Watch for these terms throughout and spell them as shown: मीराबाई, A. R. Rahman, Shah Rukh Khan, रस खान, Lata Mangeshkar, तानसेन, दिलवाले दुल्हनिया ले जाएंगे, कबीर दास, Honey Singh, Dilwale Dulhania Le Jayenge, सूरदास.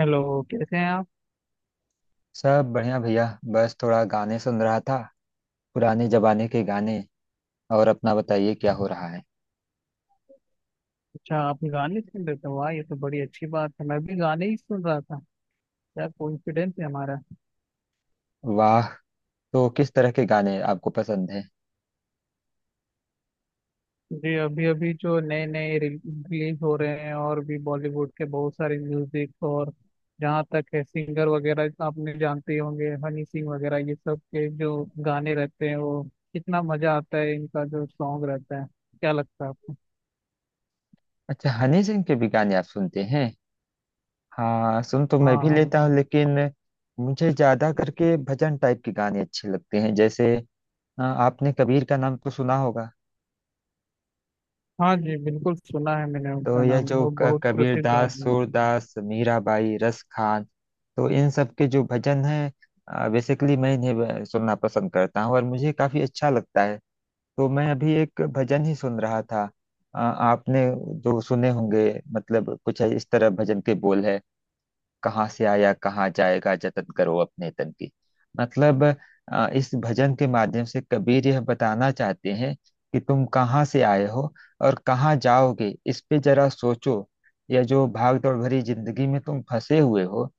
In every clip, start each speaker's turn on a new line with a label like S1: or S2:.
S1: Hello, कैसे हैं आप।
S2: सब बढ़िया भैया। बस थोड़ा गाने सुन रहा था, पुराने जमाने के गाने। और अपना बताइए, क्या हो रहा है।
S1: अच्छा, आप गाने सुन रहे थे। वाह, ये तो बड़ी अच्छी बात है। मैं भी गाने ही सुन रहा था। क्या कोइंसिडेंस है हमारा।
S2: वाह। तो किस तरह के गाने आपको पसंद है।
S1: जी, अभी अभी जो नए नए रिलीज हो रहे हैं, और भी बॉलीवुड के बहुत सारे म्यूजिक, और जहाँ तक है सिंगर वगैरह, आपने जानते ही होंगे, हनी सिंह वगैरह, ये सब के जो गाने रहते हैं, वो कितना मजा आता है इनका जो सॉन्ग रहता है। क्या लगता है आपको।
S2: अच्छा, हनी सिंह के भी गाने आप सुनते हैं। हाँ, सुन तो
S1: हाँ,
S2: मैं भी
S1: हाँ।
S2: लेता हूँ, लेकिन मुझे ज्यादा करके भजन टाइप के गाने अच्छे लगते हैं। जैसे आपने कबीर का नाम तो सुना होगा।
S1: हाँ जी, बिल्कुल सुना है मैंने
S2: तो
S1: उनका
S2: यह
S1: नाम।
S2: जो
S1: वो बहुत
S2: कबीर
S1: प्रसिद्ध
S2: दास,
S1: आदमी है।
S2: सूरदास, मीराबाई, रस खान, तो इन सब के जो भजन हैं, बेसिकली मैं इन्हें सुनना पसंद करता हूँ और मुझे काफी अच्छा लगता है। तो मैं अभी एक भजन ही सुन रहा था। आपने जो सुने होंगे। मतलब कुछ इस तरह भजन के बोल है। कहाँ से आया, कहाँ जाएगा, जतन करो अपने तन की। मतलब इस भजन के माध्यम से कबीर यह बताना चाहते हैं कि तुम कहाँ से आए हो और कहाँ जाओगे, इस पे जरा सोचो। यह जो भाग दौड़ भरी जिंदगी में तुम फंसे हुए हो,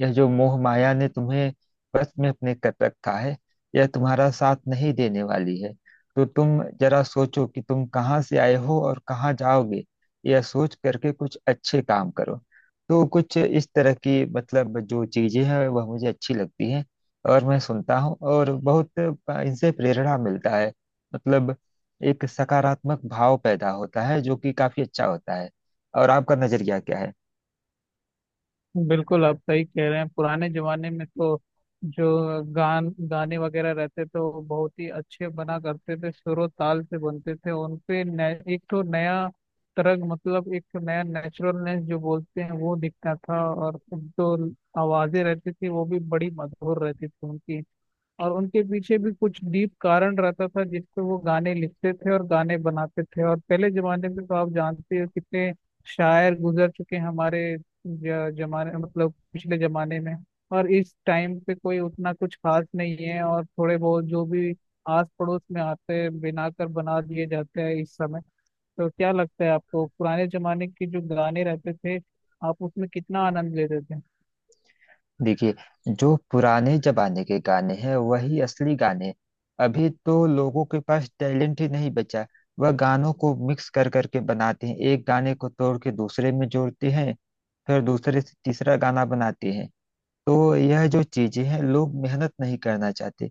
S2: यह जो मोह माया ने तुम्हें बस में अपने कर रखा है, यह तुम्हारा साथ नहीं देने वाली है। तो तुम जरा सोचो कि तुम कहाँ से आए हो और कहाँ जाओगे। यह सोच करके कुछ अच्छे काम करो। तो कुछ इस तरह की, मतलब, जो चीजें हैं वह मुझे अच्छी लगती हैं और मैं सुनता हूँ और बहुत इनसे प्रेरणा मिलता है। मतलब एक सकारात्मक भाव पैदा होता है, जो कि काफी अच्छा होता है। और आपका नजरिया क्या है।
S1: बिल्कुल, आप सही कह रहे हैं। पुराने जमाने में तो जो गान गाने वगैरह रहते थे, वो बहुत ही अच्छे बना करते थे। सुर और ताल से बनते थे उन पे। एक तो नया तरंग, मतलब एक तो नया नेचुरलनेस जो बोलते हैं, वो दिखता था। और जो आवाजें रहती थी, वो भी बड़ी मधुर रहती थी उनकी। और उनके पीछे भी कुछ डीप कारण रहता था जिस पे वो गाने लिखते थे और गाने बनाते थे। और पहले जमाने में तो आप जानते हो, कितने शायर गुजर चुके हैं हमारे जमाने, मतलब पिछले जमाने में। और इस टाइम पे कोई उतना कुछ खास नहीं है। और थोड़े बहुत जो भी आस पड़ोस में आते हैं, बनाकर बना दिए जाते हैं इस समय। तो क्या लगता है आपको, पुराने जमाने के जो गाने रहते थे, आप उसमें कितना आनंद लेते थे।
S2: देखिए, जो पुराने जमाने के गाने हैं वही असली गाने हैं। अभी तो लोगों के पास टैलेंट ही नहीं बचा। वह गानों को मिक्स कर करके बनाते हैं, एक गाने को तोड़ के दूसरे में जोड़ते हैं, फिर दूसरे से तीसरा गाना बनाते हैं। तो यह जो चीजें हैं, लोग मेहनत नहीं करना चाहते,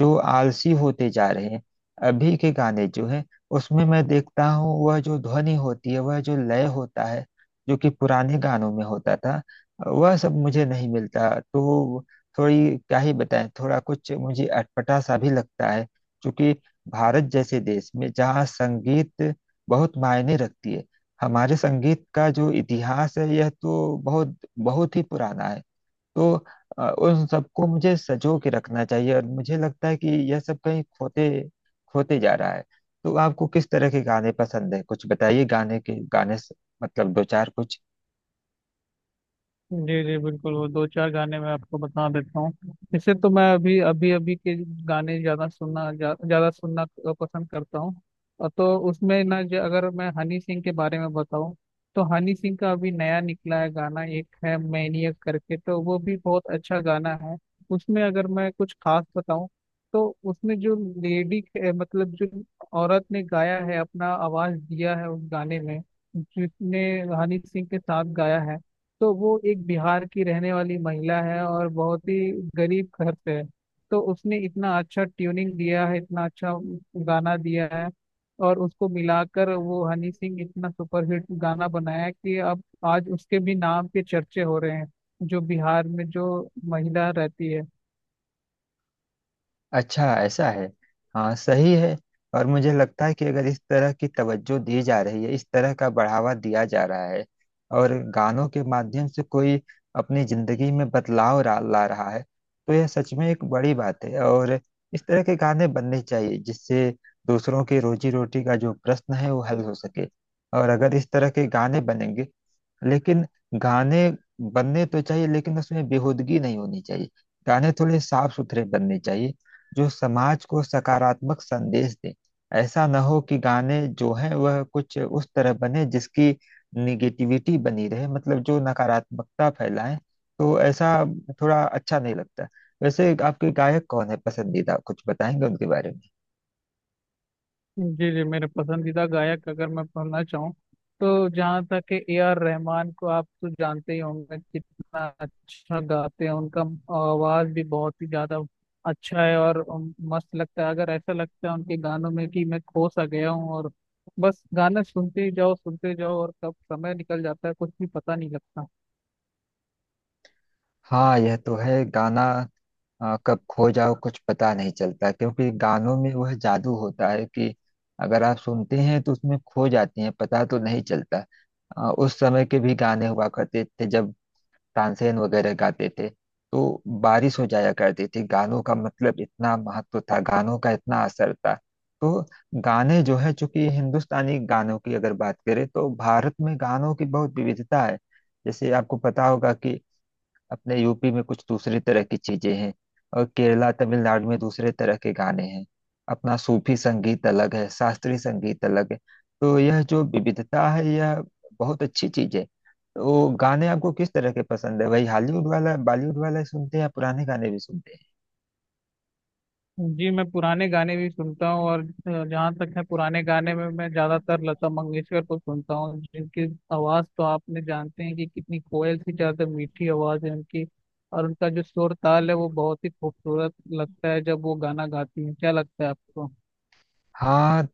S2: जो आलसी होते जा रहे हैं। अभी के गाने जो हैं, उसमें मैं देखता हूँ, वह जो ध्वनि होती है, वह जो लय होता है, जो कि पुराने गानों में होता था, वह सब मुझे नहीं मिलता। तो थोड़ी क्या ही बताएं, थोड़ा कुछ मुझे अटपटा सा भी लगता है। क्योंकि भारत जैसे देश में जहाँ संगीत बहुत मायने रखती है, हमारे संगीत का जो इतिहास है यह तो बहुत बहुत ही पुराना है। तो उन सबको मुझे सजो के रखना चाहिए और मुझे लगता है कि यह सब कहीं खोते खोते जा रहा है। तो आपको किस तरह के गाने पसंद है, कुछ बताइए, गाने के गाने से- मतलब दो चार कुछ।
S1: जी जी, बिल्कुल, वो दो चार गाने मैं आपको बता देता हूँ। जैसे, तो मैं अभी अभी अभी के गाने ज़्यादा सुनना, ज़्यादा सुनना पसंद करता हूँ। और तो उसमें ना, जो, अगर मैं हनी सिंह के बारे में बताऊँ, तो हनी सिंह का अभी नया निकला है गाना, एक है मैनियक करके, तो वो भी बहुत अच्छा गाना है। उसमें अगर मैं कुछ खास बताऊँ, तो उसमें जो लेडी, मतलब जो औरत ने गाया है, अपना आवाज़ दिया है उस गाने में, जिसने हनी सिंह के साथ गाया है, तो वो एक बिहार की रहने वाली महिला है और बहुत ही गरीब घर से है। तो उसने इतना अच्छा ट्यूनिंग दिया है, इतना अच्छा गाना दिया है। और उसको मिलाकर वो हनी सिंह इतना सुपरहिट गाना बनाया कि अब आज उसके भी नाम के चर्चे हो रहे हैं, जो बिहार में जो महिला रहती है।
S2: अच्छा, ऐसा है। हाँ, सही है। और मुझे लगता है कि अगर इस तरह की तवज्जो दी जा रही है, इस तरह का बढ़ावा दिया जा रहा है, और गानों के माध्यम से कोई अपनी जिंदगी में बदलाव ला ला रहा है, तो यह सच में एक बड़ी बात है। और इस तरह के गाने बनने चाहिए जिससे दूसरों की रोजी रोटी का जो प्रश्न है वो हल हो सके। और अगर इस तरह के गाने बनेंगे, लेकिन गाने बनने तो चाहिए, लेकिन उसमें बेहूदगी नहीं होनी चाहिए। गाने थोड़े साफ सुथरे बनने चाहिए, जो समाज को सकारात्मक संदेश दें। ऐसा ना हो कि गाने जो हैं वह कुछ उस तरह बने जिसकी निगेटिविटी बनी रहे, मतलब जो नकारात्मकता फैलाएं। तो ऐसा थोड़ा अच्छा नहीं लगता। वैसे आपके गायक कौन है पसंदीदा, कुछ बताएंगे उनके बारे में।
S1: जी जी, मेरे पसंदीदा गायक अगर मैं बोलना चाहूँ, तो जहाँ तक है, AR रहमान को आप तो जानते ही होंगे, कितना अच्छा गाते हैं। उनका आवाज भी बहुत ही ज्यादा अच्छा है। और मस्त लगता है, अगर ऐसा लगता है उनके गानों में कि मैं खो सा गया हूँ, और बस गाना सुनते ही जाओ, सुनते जाओ, और कब समय निकल जाता है कुछ भी पता नहीं लगता।
S2: हाँ, यह तो है, गाना कब खो जाओ कुछ पता नहीं चलता। क्योंकि गानों में वह जादू होता है कि अगर आप सुनते हैं तो उसमें खो जाते हैं, पता तो नहीं चलता। उस समय के भी गाने हुआ करते थे जब तानसेन वगैरह गाते थे, तो बारिश हो जाया करती थी। गानों का, मतलब, इतना महत्व था, गानों का इतना असर था। तो गाने जो है, चूंकि हिंदुस्तानी गानों की अगर बात करें तो भारत में गानों की बहुत विविधता है। जैसे आपको पता होगा कि अपने यूपी में कुछ दूसरी तरह की चीजें हैं, और केरला तमिलनाडु में दूसरे तरह के गाने हैं। अपना सूफी संगीत अलग है, शास्त्रीय संगीत अलग है। तो यह जो विविधता है, यह बहुत अच्छी चीज है। तो गाने आपको किस तरह के पसंद है, वही हॉलीवुड वाला बॉलीवुड वाला ही सुनते हैं या पुराने गाने भी सुनते हैं।
S1: जी, मैं पुराने गाने भी सुनता हूँ। और जहाँ तक है पुराने गाने में, मैं ज्यादातर लता मंगेशकर को सुनता हूँ, जिनकी आवाज तो आपने जानते हैं कि कितनी कोयल सी ज्यादा मीठी आवाज है उनकी। और उनका जो सुर ताल है, वो बहुत ही खूबसूरत लगता है जब वो गाना गाती हैं। क्या लगता है आपको।
S2: हाँ,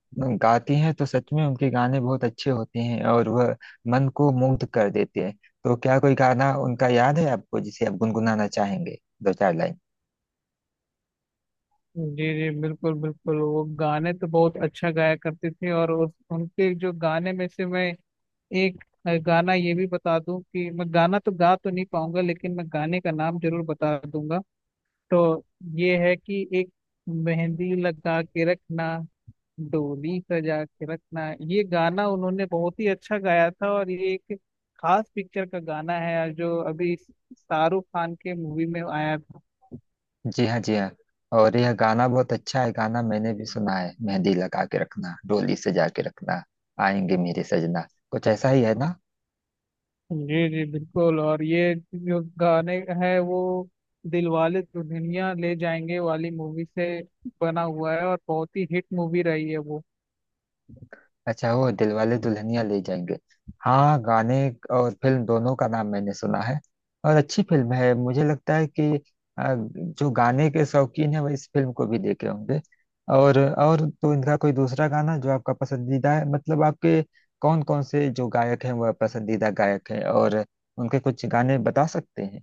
S2: गाती हैं तो सच में उनके गाने बहुत अच्छे होते हैं, और वह मन को मुग्ध कर देते हैं। तो क्या कोई गाना उनका याद है आपको जिसे आप गुनगुनाना चाहेंगे, दो चार लाइन।
S1: जी जी, बिल्कुल बिल्कुल, वो गाने तो बहुत अच्छा गाया करते थे। और उनके जो गाने में से मैं एक गाना ये भी बता दूं कि मैं गाना तो गा तो नहीं पाऊंगा, लेकिन मैं गाने का नाम जरूर बता दूंगा। तो ये है कि एक, मेहंदी लगा के रखना, डोली सजा के रखना, ये गाना उन्होंने बहुत ही अच्छा गाया था। और ये एक खास पिक्चर का गाना है जो अभी शाहरुख खान के मूवी में आया था।
S2: जी हाँ, जी हाँ। और यह गाना बहुत अच्छा है, गाना मैंने भी सुना है। मेहंदी लगा के रखना, डोली सजा के रखना, आएंगे मेरे सजना। कुछ ऐसा ही है ना।
S1: जी जी, बिल्कुल। और ये जो गाने है, वो दिलवाले दुल्हनिया ले जाएंगे वाली मूवी से बना हुआ है, और बहुत ही हिट मूवी रही है वो।
S2: अच्छा, वो दिलवाले दुल्हनिया ले जाएंगे। हाँ, गाने और फिल्म दोनों का नाम मैंने सुना है। और अच्छी फिल्म है, मुझे लगता है कि जो गाने के शौकीन है वह इस फिल्म को भी देखे होंगे। और तो इनका कोई दूसरा गाना जो आपका पसंदीदा है, मतलब आपके कौन कौन से जो गायक हैं वह पसंदीदा गायक हैं, और उनके कुछ गाने बता सकते हैं।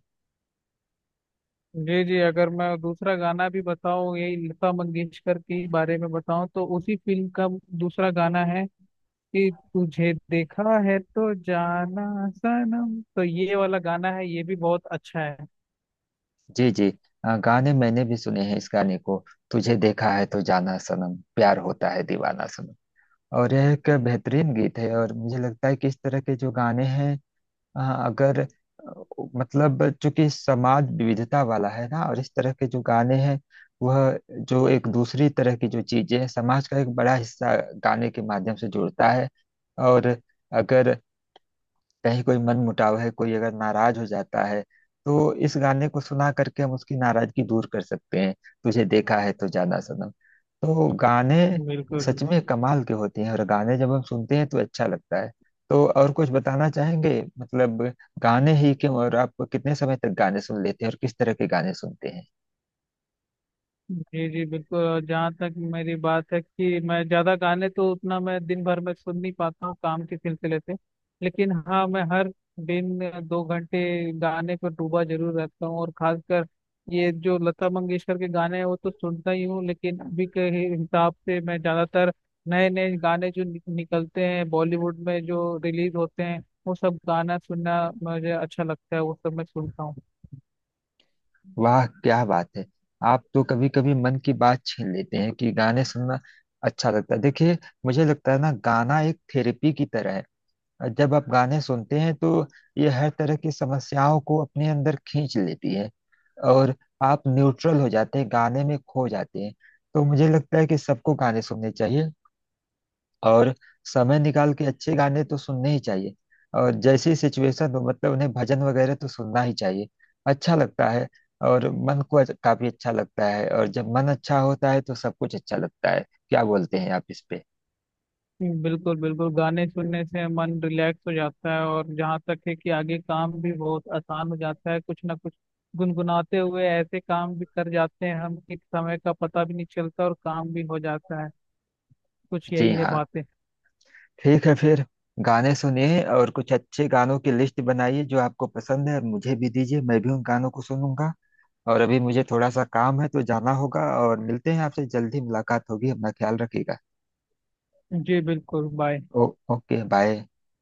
S1: जी जी, अगर मैं दूसरा गाना भी बताऊं, यही लता मंगेशकर के बारे में बताऊं, तो उसी फिल्म का दूसरा गाना है कि, तुझे देखा है तो जाना सनम, तो ये वाला गाना है, ये भी बहुत अच्छा है।
S2: जी जी, गाने मैंने भी सुने हैं, इस गाने को। तुझे देखा है तो जाना सनम, प्यार होता है दीवाना सनम। और यह एक बेहतरीन गीत है। और मुझे लगता है कि इस तरह के जो गाने हैं, अ, अगर अ, मतलब चूंकि समाज विविधता वाला है ना, और इस तरह के जो गाने हैं, वह जो एक दूसरी तरह की जो चीजें हैं, समाज का एक बड़ा हिस्सा गाने के माध्यम से जुड़ता है। और अगर कहीं कोई मन मुटाव है, कोई अगर नाराज हो जाता है, तो इस गाने को सुना करके हम उसकी नाराजगी दूर कर सकते हैं। तुझे देखा है तो जाना सनम, तो गाने
S1: बिल्कुल।
S2: सच में कमाल के होते हैं। और गाने जब हम सुनते हैं तो अच्छा लगता है। तो और कुछ बताना चाहेंगे, मतलब गाने ही क्यों, और आप कितने समय तक गाने सुन लेते हैं, और किस तरह के गाने सुनते हैं।
S1: जी जी, बिल्कुल। और जहाँ तक मेरी बात है कि मैं ज़्यादा गाने तो उतना मैं दिन भर में सुन नहीं पाता हूँ काम के सिलसिले से। लेकिन हाँ, मैं हर दिन 2 घंटे गाने पर डूबा जरूर रहता हूँ। और खासकर ये जो लता मंगेशकर के गाने हैं, वो तो सुनता ही हूँ, लेकिन अभी के हिसाब से मैं ज़्यादातर नए नए गाने जो निकलते हैं बॉलीवुड में, जो रिलीज होते हैं, वो सब गाना सुनना मुझे अच्छा लगता है। वो सब मैं सुनता हूँ।
S2: वाह, क्या बात है। आप तो कभी कभी मन की बात छीन लेते हैं कि गाने सुनना अच्छा लगता है। देखिए, मुझे लगता है ना, गाना एक थेरेपी की तरह है। जब आप गाने सुनते हैं तो ये हर तरह की समस्याओं को अपने अंदर खींच लेती है, और आप न्यूट्रल हो जाते हैं, गाने में खो जाते हैं। तो मुझे लगता है कि सबको गाने सुनने चाहिए, और समय निकाल के अच्छे गाने तो सुनने ही चाहिए। और जैसी सिचुएशन हो, मतलब उन्हें भजन वगैरह तो सुनना ही चाहिए, अच्छा लगता है। और मन को काफी अच्छा लगता है, और जब मन अच्छा होता है तो सब कुछ अच्छा लगता है। क्या बोलते हैं आप इस पे।
S1: बिल्कुल बिल्कुल, गाने सुनने से मन रिलैक्स हो जाता है। और जहाँ तक है कि आगे काम भी बहुत आसान हो जाता है, कुछ ना कुछ गुनगुनाते हुए ऐसे काम भी कर जाते हैं हम कि समय का पता भी नहीं चलता और काम भी हो जाता है। कुछ
S2: जी
S1: यही है
S2: हाँ,
S1: बातें।
S2: ठीक है फिर। गाने सुनिए और कुछ अच्छे गानों की लिस्ट बनाइए जो आपको पसंद है और मुझे भी दीजिए, मैं भी उन गानों को सुनूंगा। और अभी मुझे थोड़ा सा काम है तो जाना होगा। और मिलते हैं आपसे, जल्दी मुलाकात होगी, अपना ख्याल रखिएगा।
S1: जी बिल्कुल, बाय।
S2: ओ, ओके, बाय।